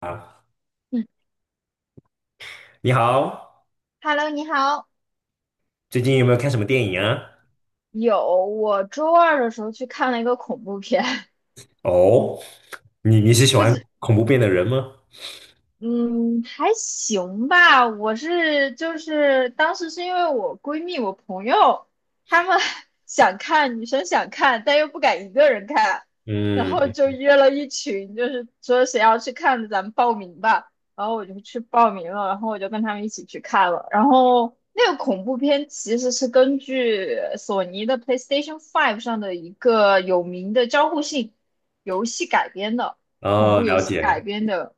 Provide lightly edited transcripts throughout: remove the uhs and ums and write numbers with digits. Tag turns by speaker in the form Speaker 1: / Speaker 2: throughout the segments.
Speaker 1: 啊，
Speaker 2: 嗯
Speaker 1: 你好，
Speaker 2: Hello，你好。
Speaker 1: 最近有没有看什么电影啊？
Speaker 2: 有，我周二的时候去看了一个恐怖片，
Speaker 1: 哦，你是喜
Speaker 2: 不
Speaker 1: 欢
Speaker 2: 是，
Speaker 1: 恐怖片的人吗？
Speaker 2: 嗯，还行吧。我是就是当时是因为我闺蜜、我朋友他们 想看，女生想看，但又不敢一个人看，然后
Speaker 1: 嗯，
Speaker 2: 就约了一群，就是说谁要去看的咱们报名吧。然后我就去报名了，然后我就跟他们一起去看了。然后那个恐怖片其实是根据索尼的 PlayStation 5上的一个有名的交互性游戏改编的，恐
Speaker 1: 哦，
Speaker 2: 怖游
Speaker 1: 了
Speaker 2: 戏改
Speaker 1: 解。
Speaker 2: 编的。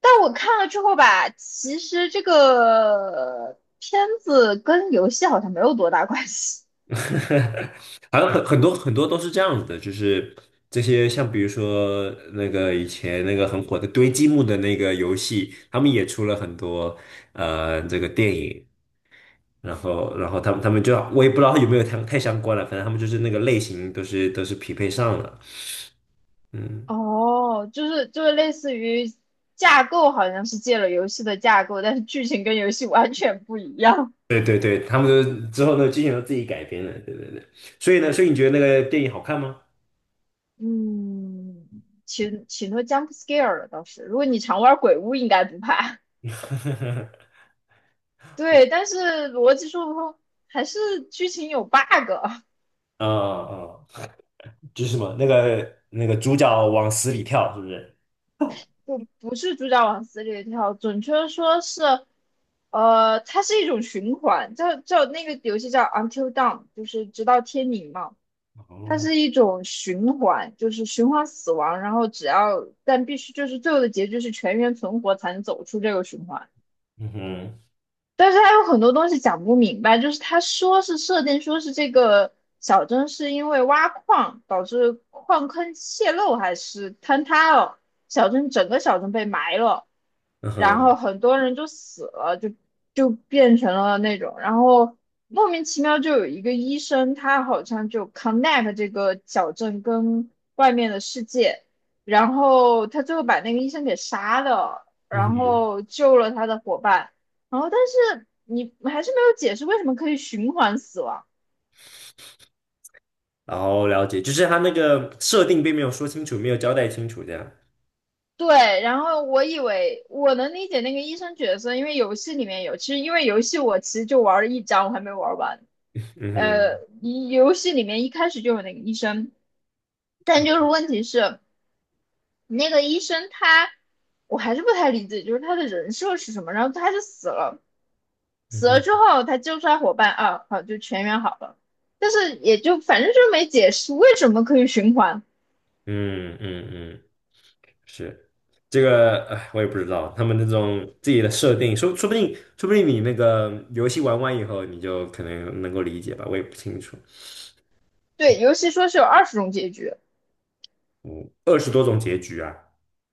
Speaker 2: 但我看了之后吧，其实这个片子跟游戏好像没有多大关系。
Speaker 1: 好像很多很多都是这样子的，就是这些像比如说那个以前那个很火的堆积木的那个游戏，他们也出了很多这个电影，然后他们就我也不知道有没有太相关了，反正他们就是那个类型都是匹配上了，嗯。
Speaker 2: 哦，就是类似于架构，好像是借了游戏的架构，但是剧情跟游戏完全不一样。
Speaker 1: 对对对，他们都之后那个剧情都自己改编了，对对对。所以呢，所以你觉得那个电影好看吗？
Speaker 2: 嗯，挺多 jump scare 的倒是，如果你常玩鬼屋，应该不怕。对，但是逻辑说不通，还是剧情有 bug,
Speaker 1: 啊啊，就是什么那个主角往死里跳，是不是？
Speaker 2: 就不是主角往死里跳，准确地说是，它是一种循环，叫那个游戏叫 Until Dawn,就是直到天明嘛。它
Speaker 1: 哦，
Speaker 2: 是一种循环，就是循环死亡，然后只要但必须就是最后的结局是全员存活才能走出这个循环。
Speaker 1: 嗯哼，
Speaker 2: 但是他有很多东西讲不明白，就是他说是设定说是这个小镇是因为挖矿导致矿坑泄漏还是坍塌了，小镇整个小镇被埋了，
Speaker 1: 嗯
Speaker 2: 然
Speaker 1: 哼，
Speaker 2: 后很多人就死了，就变成了那种，然后莫名其妙就有一个医生，他好像就 connect 这个小镇跟外面的世界，然后他最后把那个医生给杀了，
Speaker 1: 嗯
Speaker 2: 然
Speaker 1: 哼，
Speaker 2: 后救了他的伙伴。然后但是你还是没有解释为什么可以循环死亡。
Speaker 1: 然后了解，就是他那个设定并没有说清楚，没有交代清楚，这样。
Speaker 2: 对，然后我以为我能理解那个医生角色，因为游戏里面有，其实因为游戏我其实就玩了一章，我还没玩完。
Speaker 1: 嗯哼，
Speaker 2: 游戏里面一开始就有那个医生，但就是问题是那个医生他，我还是不太理解，就是他的人设是什么。然后他就死了，
Speaker 1: 嗯
Speaker 2: 死了
Speaker 1: 哼，
Speaker 2: 之后他救出来伙伴啊，好就全员好了，但是也就反正就是没解释为什么可以循环。
Speaker 1: 嗯嗯嗯。是这个，哎，我也不知道他们那种自己的设定，说不定你那个游戏玩完以后，你就可能能够理解吧，我也不清楚。
Speaker 2: 对，游戏说是有20种结局，
Speaker 1: 嗯，20多种结局啊，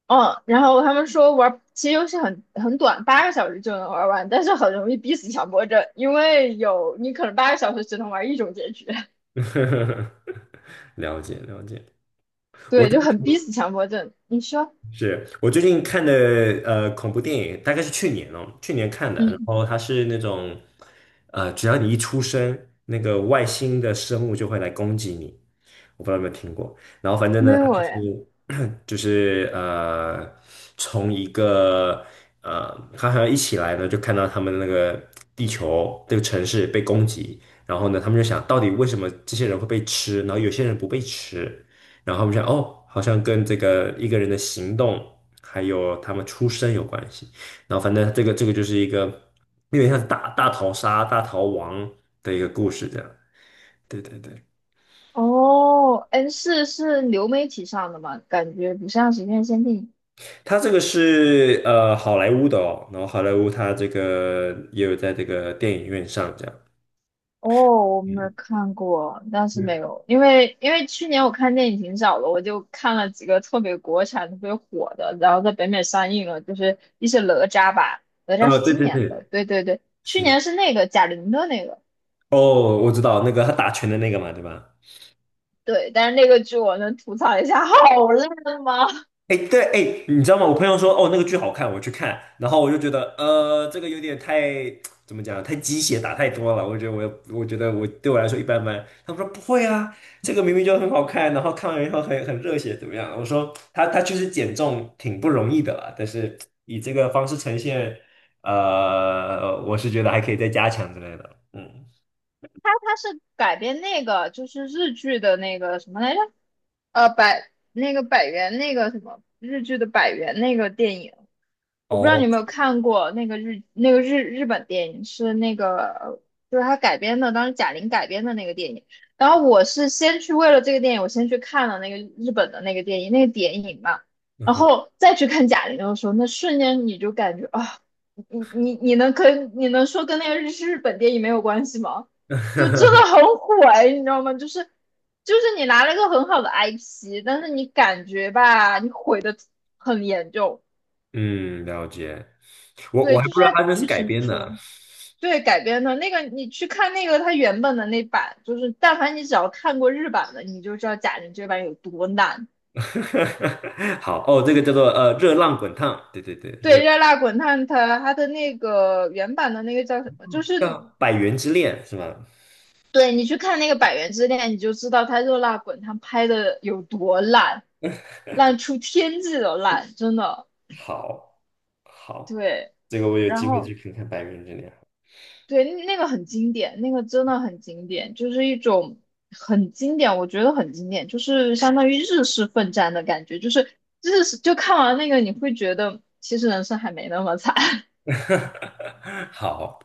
Speaker 2: 嗯，然后他们说玩，其实游戏很短，八个小时就能玩完，但是很容易逼死强迫症，因为有你可能八个小时只能玩一种结局，
Speaker 1: 了解了解。我。
Speaker 2: 对，就很逼死强迫症。你说，
Speaker 1: 是我最近看的恐怖电影，大概是去年看的。然
Speaker 2: 嗯，
Speaker 1: 后它是那种只要你一出生，那个外星的生物就会来攻击你。我不知道有没有听过。然后反正
Speaker 2: 没
Speaker 1: 呢，它
Speaker 2: 有
Speaker 1: 就
Speaker 2: 哎，
Speaker 1: 是 就是从一个它好像一起来呢，就看到他们那个地球这个城市被攻击，然后呢，他们就想到底为什么这些人会被吃，然后有些人不被吃。然后我们想，哦，好像跟这个一个人的行动，还有他们出身有关系。然后反正这个就是一个有点像大逃杀、大逃亡的一个故事这样。对对对，
Speaker 2: 哦，N4是流媒体上的吗？感觉不像是院限定。
Speaker 1: 他这个是好莱坞的哦，然后好莱坞他这个也有在这个电影院上这样。
Speaker 2: 哦，我没有
Speaker 1: 嗯，
Speaker 2: 看过，但是没有，因为去年我看电影挺少的，我就看了几个特别国产、特别火的，然后在北美上映了，就是一些哪吒吧，哪吒是
Speaker 1: 对
Speaker 2: 今
Speaker 1: 对
Speaker 2: 年的，
Speaker 1: 对，
Speaker 2: 对对对，去
Speaker 1: 是。
Speaker 2: 年是那个贾玲的那个，
Speaker 1: 哦，我知道那个他打拳的那个嘛，对吧？
Speaker 2: 对，但是那个剧我能吐槽一下，好烂吗？
Speaker 1: 哎，对，哎，你知道吗？我朋友说，哦，那个剧好看，我去看，然后我就觉得，这个有点太，怎么讲，太鸡血打太多了。我觉得我对我来说一般般。他们说不会啊，这个明明就很好看，然后看完以后很热血，怎么样？我说他确实减重挺不容易的啦，但是以这个方式呈现，我是觉得还可以再加强之类的。嗯，
Speaker 2: 它是改编那个就是日剧的那个什么来着？百那个百元那个什么日剧的百元那个电影，我不知道
Speaker 1: 哦，
Speaker 2: 你有没有看过那个日本电影是那个就是他改编的，当时贾玲改编的那个电影。然后我是先去为了这个电影，我先去看了那个日本的那个电影嘛，
Speaker 1: 嗯
Speaker 2: 然
Speaker 1: 哼
Speaker 2: 后再去看贾玲的时候，那瞬间你就感觉啊，你能跟你能说跟那个日本电影没有关系吗？就真的 很火哎，你知道吗？就是。就是你拿了一个很好的 IP,但是你感觉吧，你毁的很严重。
Speaker 1: 嗯，了解。我
Speaker 2: 对，
Speaker 1: 还
Speaker 2: 就
Speaker 1: 不
Speaker 2: 是
Speaker 1: 知道
Speaker 2: 它
Speaker 1: 他这是
Speaker 2: 剧
Speaker 1: 改
Speaker 2: 情不
Speaker 1: 编
Speaker 2: 说，
Speaker 1: 的。
Speaker 2: 对改编的那个，你去看那个他原本的那版，就是但凡你只要看过日版的，你就知道贾玲这版有多烂。
Speaker 1: 好哦，这个叫做热浪滚烫，对对对，
Speaker 2: 对，《热辣滚烫》他的那个原版的那个叫什么？就
Speaker 1: 叫
Speaker 2: 是
Speaker 1: 《百元之恋》是吗？
Speaker 2: 对你去看那个《百元之恋》，你就知道他《热辣滚烫》拍的有多烂，烂出天际的烂，真的。
Speaker 1: 好，好，
Speaker 2: 对，
Speaker 1: 这个我有
Speaker 2: 然
Speaker 1: 机会
Speaker 2: 后。
Speaker 1: 去看看《百元之恋》。
Speaker 2: 对，那个很经典，那个真的很经典，就是一种很经典，我觉得很经典，就是相当于日式奋战的感觉，就是日式就看完那个你会觉得其实人生还没那么惨，
Speaker 1: 好，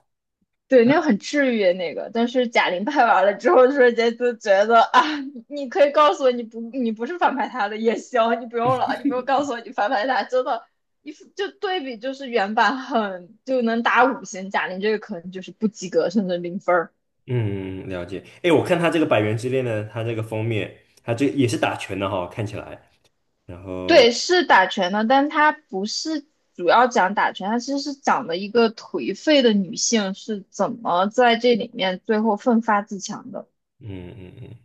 Speaker 2: 对，那个很治愈那个，但是贾玲拍完了之后，瞬间就觉得啊，你可以告诉我你不是反派他的也行，你不用了，你不用告诉我你反派他，真的，一就对比就是原版很就能打五星，贾玲这个可能就是不及格甚至零分儿。
Speaker 1: 嗯，了解。哎，我看他这个《百元之恋》呢，他这个封面，他这也是打拳的哈、看起来。然
Speaker 2: 对，
Speaker 1: 后，
Speaker 2: 是打拳的，但她不是主要讲打拳，她其实是讲的一个颓废的女性是怎么在这里面最后奋发自强的。
Speaker 1: 嗯嗯嗯，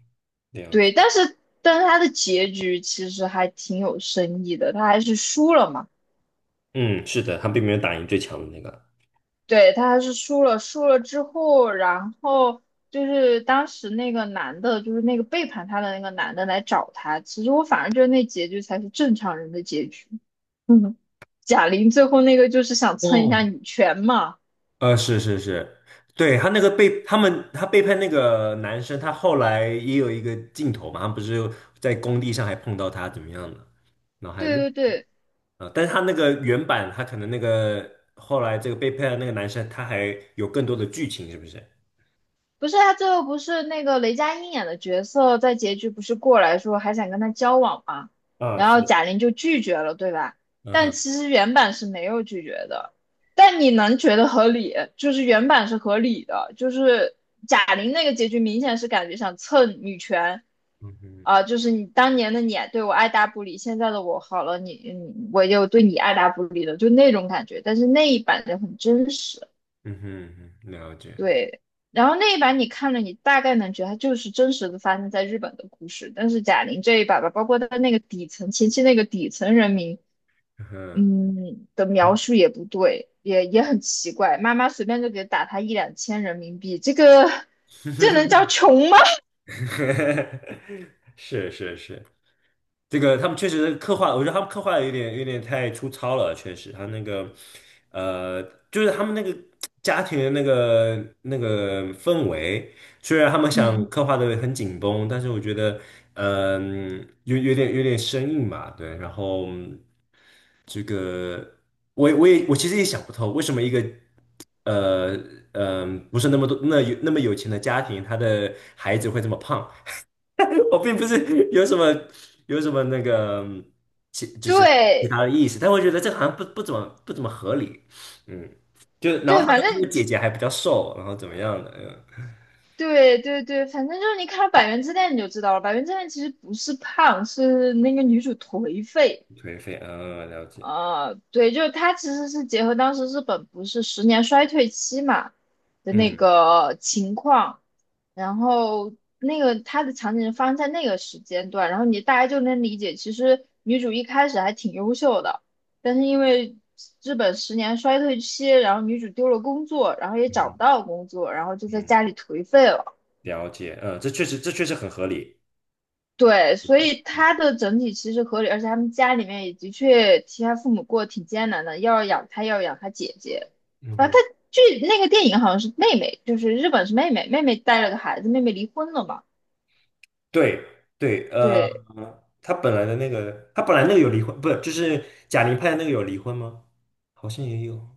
Speaker 1: 了解。
Speaker 2: 对，但是她的结局其实还挺有深意的，她还是输了嘛。
Speaker 1: 嗯，是的，他并没有打赢最强的那个。
Speaker 2: 对，她还是输了，输了之后，然后就是当时那个男的，就是那个背叛她的那个男的来找她。其实我反而觉得那结局才是正常人的结局。嗯，贾玲最后那个就是想蹭一下
Speaker 1: 哦，
Speaker 2: 女权嘛。
Speaker 1: 是是是，对，他背叛那个男生，他后来也有一个镜头嘛，他不是在工地上还碰到他怎么样的，然后还
Speaker 2: 对
Speaker 1: 认，
Speaker 2: 对对，
Speaker 1: 啊，但是他那个原版，他可能那个后来这个背叛的那个男生，他还有更多的剧情，是不是？
Speaker 2: 不是他最后不是那个雷佳音演的角色，在结局不是过来说还想跟他交往吗？
Speaker 1: 啊，
Speaker 2: 然后
Speaker 1: 是，
Speaker 2: 贾玲就拒绝了，对吧？
Speaker 1: 嗯
Speaker 2: 但
Speaker 1: 哼，
Speaker 2: 其实原版是没有拒绝的，但你能觉得合理，就是原版是合理的，就是贾玲那个结局明显是感觉想蹭女权，
Speaker 1: 嗯哼，
Speaker 2: 啊、就是你当年的你对我爱答不理，现在的我好了，你我又对你爱答不理的，就那种感觉。但是那一版就很真实。
Speaker 1: 嗯哼，嗯哼了解，
Speaker 2: 对，然后那一版你看了，你大概能觉得它就是真实的发生在日本的故事，但是贾玲这一版吧，包括她那个底层前期那个底层人民，
Speaker 1: 嗯哼，
Speaker 2: 的描述也不对，也很奇怪，妈妈随便就给打他一两千人民币，这能叫穷吗？
Speaker 1: 是是是，这个他们确实刻画，我觉得他们刻画的有点太粗糙了，确实，他那个呃，就是他们那个家庭的那个氛围，虽然他们 想
Speaker 2: 嗯，
Speaker 1: 刻画的很紧绷，但是我觉得有点生硬嘛，对，然后这个我其实也想不透，为什么一个呃不是那么多那有那么有钱的家庭，他的孩子会这么胖。我并不是有什么那个就是其
Speaker 2: 对
Speaker 1: 他的意思，但我觉得这个好像不怎么合理，嗯，就然后
Speaker 2: 对，
Speaker 1: 她
Speaker 2: 反
Speaker 1: 的那个
Speaker 2: 正
Speaker 1: 姐姐还比较瘦，然后怎么样的，嗯，
Speaker 2: 对对对，反正就是你看了《百元之恋》你就知道了，《百元之恋》其实不是胖，是那个女主颓废。
Speaker 1: 颓废，嗯，了解，
Speaker 2: 对，就是它其实是结合当时日本不是十年衰退期嘛的那
Speaker 1: 嗯
Speaker 2: 个情况，然后那个它的场景是发生在那个时间段，然后大家就能理解，其实女主一开始还挺优秀的，但是因为日本十年衰退期，然后女主丢了工作，然后也找
Speaker 1: 嗯
Speaker 2: 不到工作，然后就在
Speaker 1: 嗯，
Speaker 2: 家里颓废了。
Speaker 1: 了解，嗯，这确实很合理，
Speaker 2: 对，所以它的整体其实合理，而且他们家里面也的确其他父母过得挺艰难的，要养他，要养他姐姐。
Speaker 1: 嗯
Speaker 2: 啊，
Speaker 1: 哼，
Speaker 2: 据那个电影好像是妹妹，就是日本是妹妹，妹妹带了个孩子，妹妹离婚了嘛？
Speaker 1: 对对，
Speaker 2: 对
Speaker 1: 他本来那个有离婚，不是就是贾玲拍的那个有离婚吗？好像也有，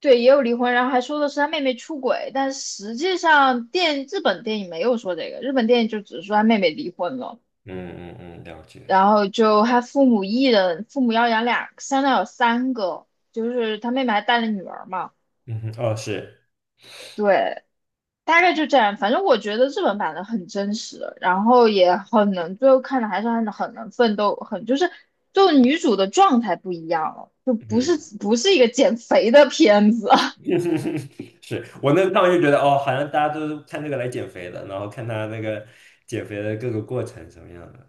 Speaker 2: 对，也有离婚，然后还说的是他妹妹出轨，但实际上日本电影没有说这个，日本电影就只是说他妹妹离婚了，
Speaker 1: 嗯嗯嗯，了解，
Speaker 2: 然后就他父母一人，父母要养俩，相当于有三个，就是他妹妹还带了女儿嘛。
Speaker 1: 嗯哼，哦是。
Speaker 2: 对，大概就这样，反正我觉得日本版的很真实，然后也很能，最后看的还是很能奋斗，很就是就女主的状态不一样了，就不是
Speaker 1: 嗯。
Speaker 2: 不是一个减肥的片子，
Speaker 1: 是我那趟就觉得哦，好像大家都是看这个来减肥的，然后看他那个减肥的各个过程什么样的，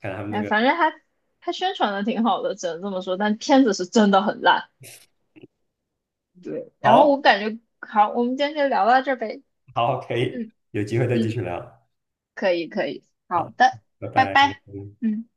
Speaker 1: 看他们那
Speaker 2: 哎，
Speaker 1: 个
Speaker 2: 反正它宣传的挺好的，只能这么说，但片子是真的很烂。对，然后
Speaker 1: 好，
Speaker 2: 我感觉好，我们今天就聊到这儿呗，
Speaker 1: 好可以，
Speaker 2: 嗯
Speaker 1: 有机会再继
Speaker 2: 嗯，
Speaker 1: 续聊，
Speaker 2: 可以可以，好
Speaker 1: 好，
Speaker 2: 的，
Speaker 1: 拜
Speaker 2: 拜
Speaker 1: 拜。
Speaker 2: 拜，嗯。